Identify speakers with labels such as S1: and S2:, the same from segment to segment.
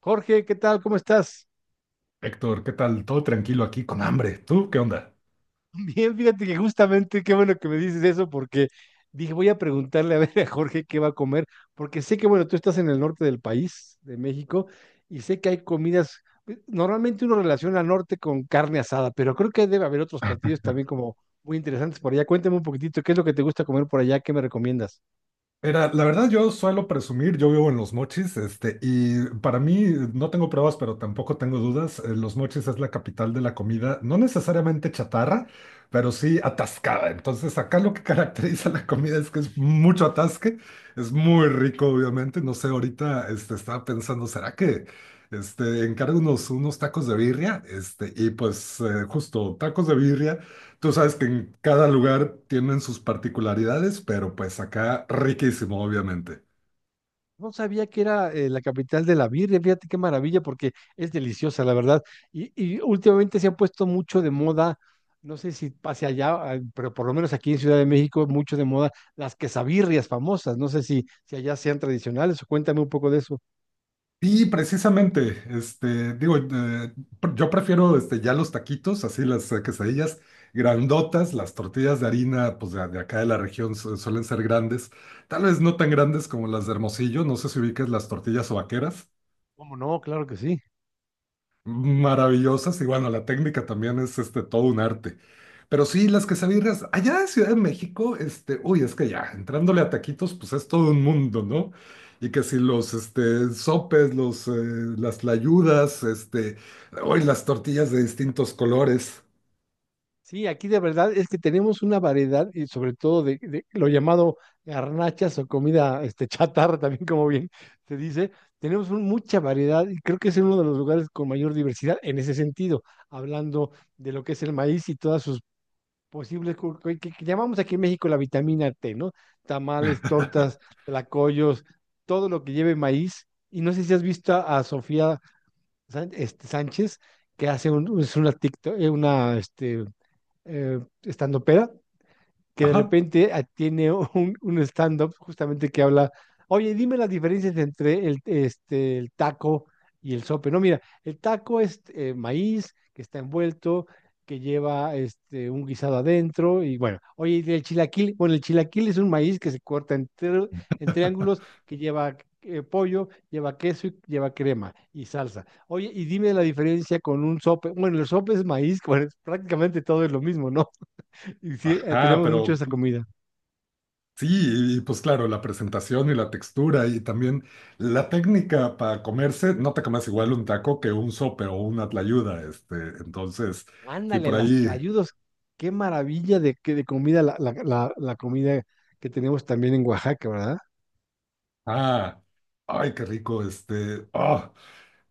S1: Jorge, ¿qué tal? ¿Cómo estás?
S2: Héctor, ¿qué tal? Todo tranquilo aquí con hambre. ¿Tú qué onda?
S1: Bien, fíjate que justamente qué bueno que me dices eso porque dije, voy a preguntarle a ver a Jorge qué va a comer, porque sé que, bueno, tú estás en el norte del país, de México, y sé que hay comidas, normalmente uno relaciona al norte con carne asada, pero creo que debe haber otros platillos también como muy interesantes por allá. Cuéntame un poquitito, ¿qué es lo que te gusta comer por allá? ¿Qué me recomiendas?
S2: Era, la verdad, yo suelo presumir, yo vivo en Los Mochis, y para mí no tengo pruebas, pero tampoco tengo dudas. Los Mochis es la capital de la comida, no necesariamente chatarra, pero sí atascada. Entonces, acá lo que caracteriza la comida es que es mucho atasque, es muy rico, obviamente. No sé, ahorita estaba pensando, ¿será que encargo unos tacos de birria? Y pues, justo tacos de birria. Tú sabes que en cada lugar tienen sus particularidades, pero pues acá riquísimo, obviamente.
S1: No sabía que era la capital de la birria, fíjate qué maravilla, porque es deliciosa, la verdad. Y últimamente se han puesto mucho de moda, no sé si hacia allá, ah, pero por lo menos aquí en Ciudad de México, mucho de moda las quesabirrias famosas. No sé si allá sean tradicionales o cuéntame un poco de eso.
S2: Y precisamente, digo, yo prefiero ya los taquitos, así las quesadillas grandotas, las tortillas de harina, pues de acá de la región suelen ser grandes, tal vez no tan grandes como las de Hermosillo, no sé si ubicas las tortillas vaqueras.
S1: ¿Cómo no? Claro que sí.
S2: Maravillosas y bueno, la técnica también es todo un arte. Pero sí, las quesadillas allá en Ciudad de México, uy, es que ya entrándole a taquitos, pues es todo un mundo, ¿no? Y que si los sopes, las tlayudas, uy, las tortillas de distintos colores.
S1: Sí, aquí de verdad es que tenemos una variedad y sobre todo de lo llamado garnachas o comida este, chatarra, también como bien se dice, tenemos mucha variedad y creo que es uno de los lugares con mayor diversidad en ese sentido, hablando de lo que es el maíz y todas sus posibles, que llamamos aquí en México la vitamina T, ¿no? Tamales, tortas, tlacoyos, todo lo que lleve maíz. Y no sé si has visto a Sofía Sánchez, que hace es una TikTok, una, este, estandopera que de
S2: Ajá.
S1: repente ah, tiene un stand-up justamente que habla, oye, dime las diferencias entre el, este, el taco y el sope. No, mira, el taco es maíz que está envuelto, que lleva este, un guisado adentro y bueno, oye, ¿y el chilaquil, bueno, el chilaquil es un maíz que se corta en triángulos, que lleva... pollo, lleva queso y lleva crema y salsa. Oye, y dime la diferencia con un sope. Bueno, el sope es maíz, bueno, es prácticamente todo es lo mismo, ¿no? Y sí,
S2: ajá,
S1: tenemos mucho
S2: pero
S1: esa comida.
S2: sí, y pues claro, la presentación y la textura y también la técnica para comerse, no te comes igual un taco que un sope o una tlayuda, entonces, sí,
S1: Ándale,
S2: por
S1: las
S2: ahí.
S1: tlayudos. Qué maravilla de comida la comida que tenemos también en Oaxaca, ¿verdad?
S2: ah, Ay, qué rico,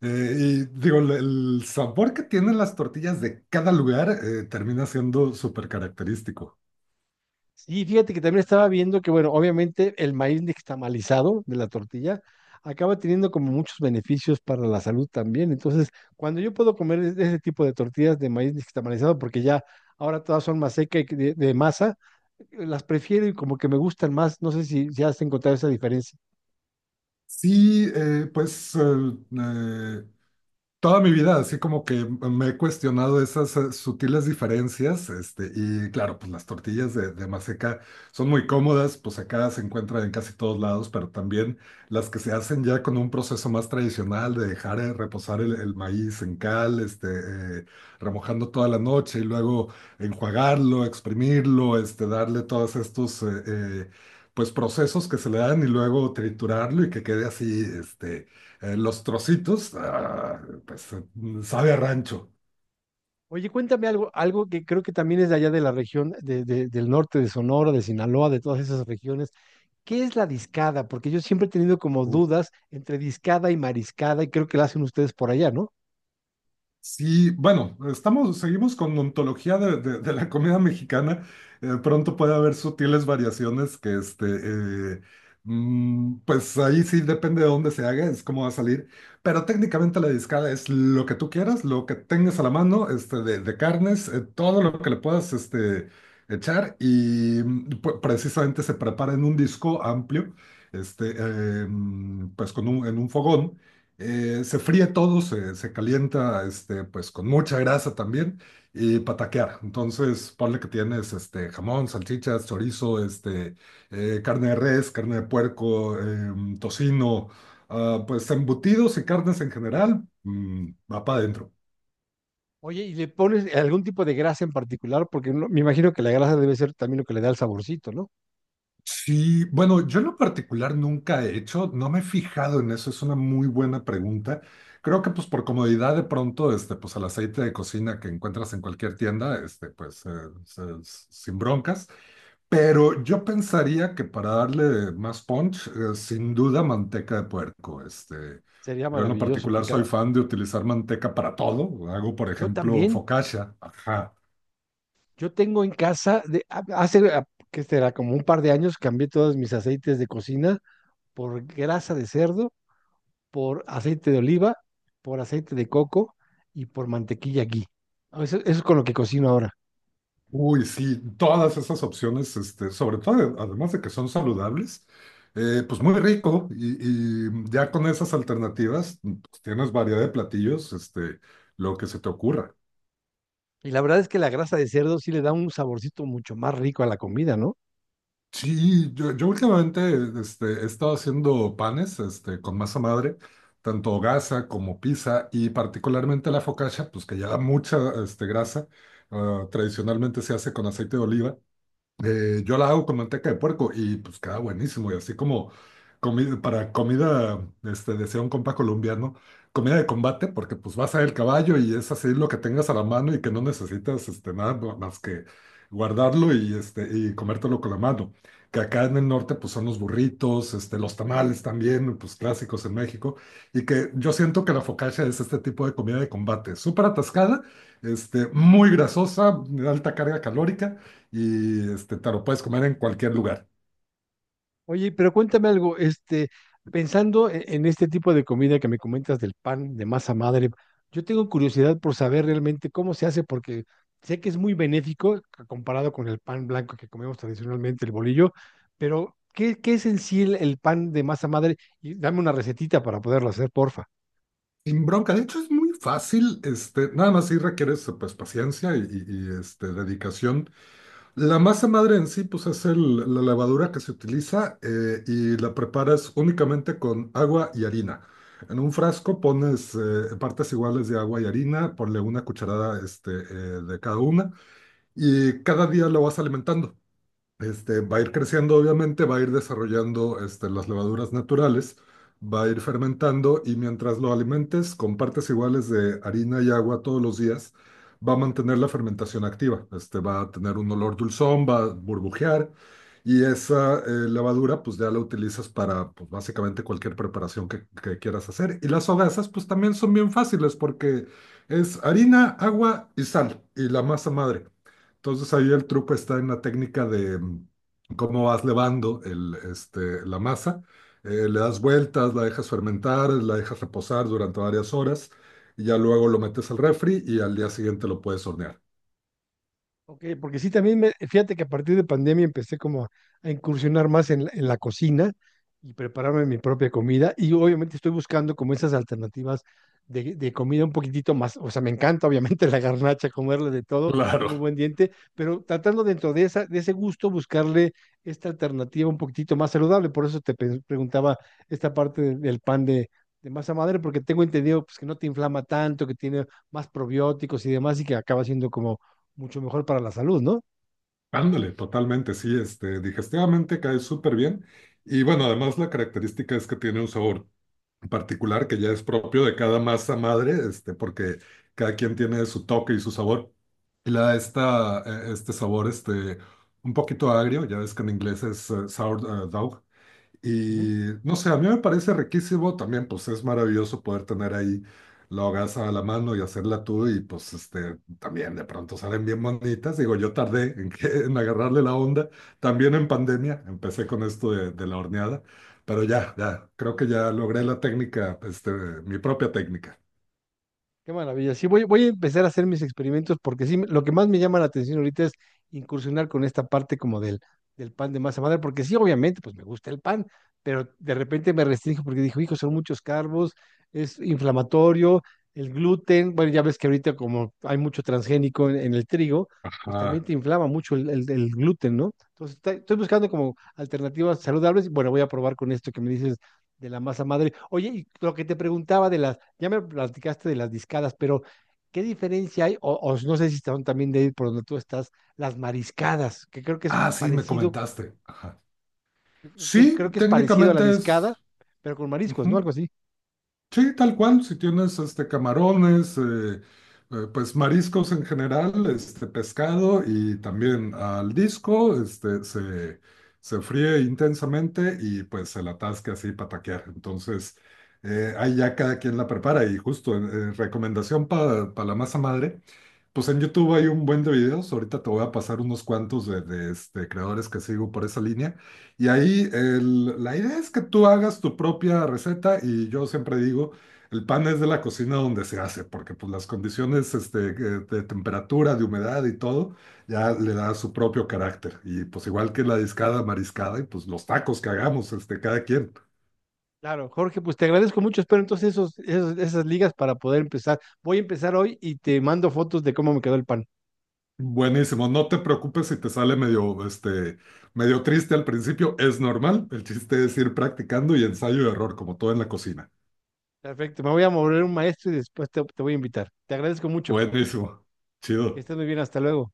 S2: y digo, el sabor que tienen las tortillas de cada lugar termina siendo súper característico.
S1: Sí, fíjate que también estaba viendo que, bueno, obviamente el maíz nixtamalizado de la tortilla acaba teniendo como muchos beneficios para la salud también. Entonces, cuando yo puedo comer ese tipo de tortillas de maíz nixtamalizado, porque ya ahora todas son más secas y que de masa, las prefiero y como que me gustan más. No sé si has encontrado esa diferencia.
S2: Sí, pues eh, toda mi vida, así como que me he cuestionado esas sutiles diferencias, y claro, pues las tortillas de maseca son muy cómodas, pues acá se encuentran en casi todos lados, pero también las que se hacen ya con un proceso más tradicional de dejar reposar el maíz en cal, remojando toda la noche y luego enjuagarlo, exprimirlo, darle todos estos, pues procesos que se le dan y luego triturarlo y que quede así, los trocitos, pues sabe a rancho.
S1: Oye, cuéntame algo, algo que creo que también es de allá de la región del norte de Sonora, de Sinaloa, de todas esas regiones. ¿Qué es la discada? Porque yo siempre he tenido como dudas entre discada y mariscada y creo que la hacen ustedes por allá, ¿no?
S2: Sí, bueno, estamos, seguimos con ontología de la comida mexicana. Pronto puede haber sutiles variaciones que, eh, mm, pues ahí sí depende de dónde se haga, es cómo va a salir. Pero técnicamente la discada es lo que tú quieras, lo que tengas a la mano, de carnes, todo lo que le puedas, echar y precisamente se prepara en un disco amplio, pues con un, en un fogón. Se fríe todo, se calienta pues con mucha grasa también y pataquear. Entonces, ponle que tienes jamón, salchichas, chorizo, carne de res, carne de puerco, tocino, pues embutidos y carnes en general, va para adentro.
S1: Oye, ¿y le pones algún tipo de grasa en particular? Porque me imagino que la grasa debe ser también lo que le da el saborcito, ¿no?
S2: Sí, bueno, yo en lo particular nunca he hecho, no me he fijado en eso, es una muy buena pregunta. Creo que pues por comodidad de pronto, pues el aceite de cocina que encuentras en cualquier tienda, pues sin broncas. Pero yo pensaría que para darle más punch, sin duda manteca de puerco.
S1: Sería
S2: Yo en lo
S1: maravilloso,
S2: particular
S1: porque
S2: soy fan de utilizar manteca para todo. Hago, por
S1: yo
S2: ejemplo,
S1: también,
S2: focaccia. Ajá.
S1: yo tengo en casa, de, a- hace, a- que será como un par de años, cambié todos mis aceites de cocina por grasa de cerdo por aceite de oliva, por aceite de coco y por mantequilla ghee. Ah, eso es con lo que cocino ahora.
S2: Uy, sí, todas esas opciones, sobre todo, además de que son saludables, pues muy rico y ya con esas alternativas pues, tienes variedad de platillos, lo que se te ocurra.
S1: Y la verdad es que la grasa de cerdo sí le da un saborcito mucho más rico a la comida, ¿no?
S2: Sí, yo últimamente he estado haciendo panes con masa madre, tanto gasa como pizza y particularmente la focaccia, pues que lleva mucha grasa, tradicionalmente se hace con aceite de oliva. Yo la hago con manteca de puerco y pues queda buenísimo. Y así como para comida, decía un compa colombiano, comida de combate, porque pues vas a el caballo y es así lo que tengas a la mano y que no necesitas este, nada ma- más que guardarlo y, y comértelo con la mano. Que acá en el norte pues son los burritos, los tamales también, pues clásicos en México. Y que yo siento que la focaccia es este tipo de comida de combate, súper atascada, muy grasosa, de alta carga calórica y te lo puedes comer en cualquier lugar.
S1: Oye, pero cuéntame algo, este, pensando en este tipo de comida que me comentas del pan de masa madre, yo tengo curiosidad por saber realmente cómo se hace, porque sé que es muy benéfico comparado con el pan blanco que comemos tradicionalmente, el bolillo, pero ¿qué es en sí el pan de masa madre? Y dame una recetita para poderlo hacer, porfa.
S2: Sin bronca, de hecho es muy fácil, nada más sí requieres pues paciencia y dedicación. La masa madre en sí pues es la levadura que se utiliza y la preparas únicamente con agua y harina. En un frasco pones partes iguales de agua y harina, ponle una cucharada de cada una y cada día lo vas alimentando. Va a ir creciendo, obviamente, va a ir desarrollando las levaduras naturales, va a ir fermentando y mientras lo alimentes con partes iguales de harina y agua todos los días, va a mantener la fermentación activa. Va a tener un olor dulzón, va a burbujear y esa levadura pues ya la utilizas para pues, básicamente cualquier preparación que quieras hacer. Y las hogazas pues también son bien fáciles porque es harina, agua y sal y la masa madre. Entonces ahí el truco está en la técnica de cómo vas levando la masa. Le das vueltas, la dejas fermentar, la dejas reposar durante varias horas y ya luego lo metes al refri y al día siguiente lo puedes hornear.
S1: Ok, porque sí, también me, fíjate que a partir de pandemia empecé como a incursionar más en la cocina y prepararme mi propia comida y obviamente estoy buscando como esas alternativas de comida un poquitito más, o sea, me encanta obviamente la garnacha, comerle de todo,
S2: Claro,
S1: tengo un buen diente, pero tratando dentro de esa, de ese gusto buscarle esta alternativa un poquitito más saludable, por eso te preguntaba esta parte del pan de masa madre, porque tengo entendido pues, que no te inflama tanto, que tiene más probióticos y demás y que acaba siendo como mucho mejor para la salud, ¿no?
S2: ándale, totalmente, sí, digestivamente cae súper bien. Y bueno, además la característica es que tiene un sabor particular que ya es propio de cada masa madre, porque cada quien tiene su toque y su sabor. Y le da este sabor un poquito agrio, ya ves que en inglés es sour dog.
S1: Ujú.
S2: Y no sé, a mí me parece riquísimo también, pues es maravilloso poder tener ahí la hogaza a la mano y hacerla tú y pues también de pronto salen bien bonitas. Digo, yo tardé en agarrarle la onda, también en pandemia, empecé con esto de la horneada, pero ya, creo que ya logré la técnica, mi propia técnica.
S1: Qué maravilla. Sí, voy, voy a empezar a hacer mis experimentos porque sí, lo que más me llama la atención ahorita es incursionar con esta parte como del, del pan de masa madre, porque sí, obviamente, pues me gusta el pan, pero de repente me restringo porque dijo, hijo, son muchos carbos, es inflamatorio, el gluten, bueno, ya ves que ahorita como hay mucho transgénico en el trigo, pues también
S2: Ajá.
S1: te inflama mucho el, el gluten, ¿no? Entonces, estoy buscando como alternativas saludables y bueno, voy a probar con esto que me dices de la masa madre. Oye, y lo que te preguntaba de las, ya me platicaste de las discadas, pero ¿qué diferencia hay? O no sé si están también de ahí por donde tú estás, las mariscadas, que creo que es
S2: Ah, sí, me
S1: parecido,
S2: comentaste. Ajá.
S1: que es,
S2: Sí,
S1: creo que es parecido a la
S2: técnicamente
S1: discada,
S2: es,
S1: pero con mariscos, ¿no?
S2: ujú,
S1: Algo así.
S2: sí, tal cual, si tienes camarones, pues mariscos en general, pescado y también al disco, se fríe intensamente y pues se la atasca así para taquear. Entonces, ahí ya cada quien la prepara y justo recomendación para la masa madre. Pues en YouTube hay un buen de videos, ahorita te voy a pasar unos cuantos de creadores que sigo por esa línea. Y ahí la idea es que tú hagas tu propia receta y yo siempre digo, el pan es de la cocina donde se hace, porque pues las condiciones de temperatura, de humedad y todo, ya le da su propio carácter. Y pues igual que la discada, mariscada y pues los tacos que hagamos, cada quien.
S1: Claro, Jorge, pues te agradezco mucho. Espero entonces esos, esas ligas para poder empezar. Voy a empezar hoy y te mando fotos de cómo me quedó el pan.
S2: Buenísimo, no te preocupes si te sale medio, medio triste al principio, es normal. El chiste es ir practicando y ensayo y error, como todo en la cocina.
S1: Perfecto, me voy a mover un maestro y después te, te voy a invitar. Te agradezco mucho.
S2: Buenísimo,
S1: Que
S2: chido.
S1: estés muy bien, hasta luego.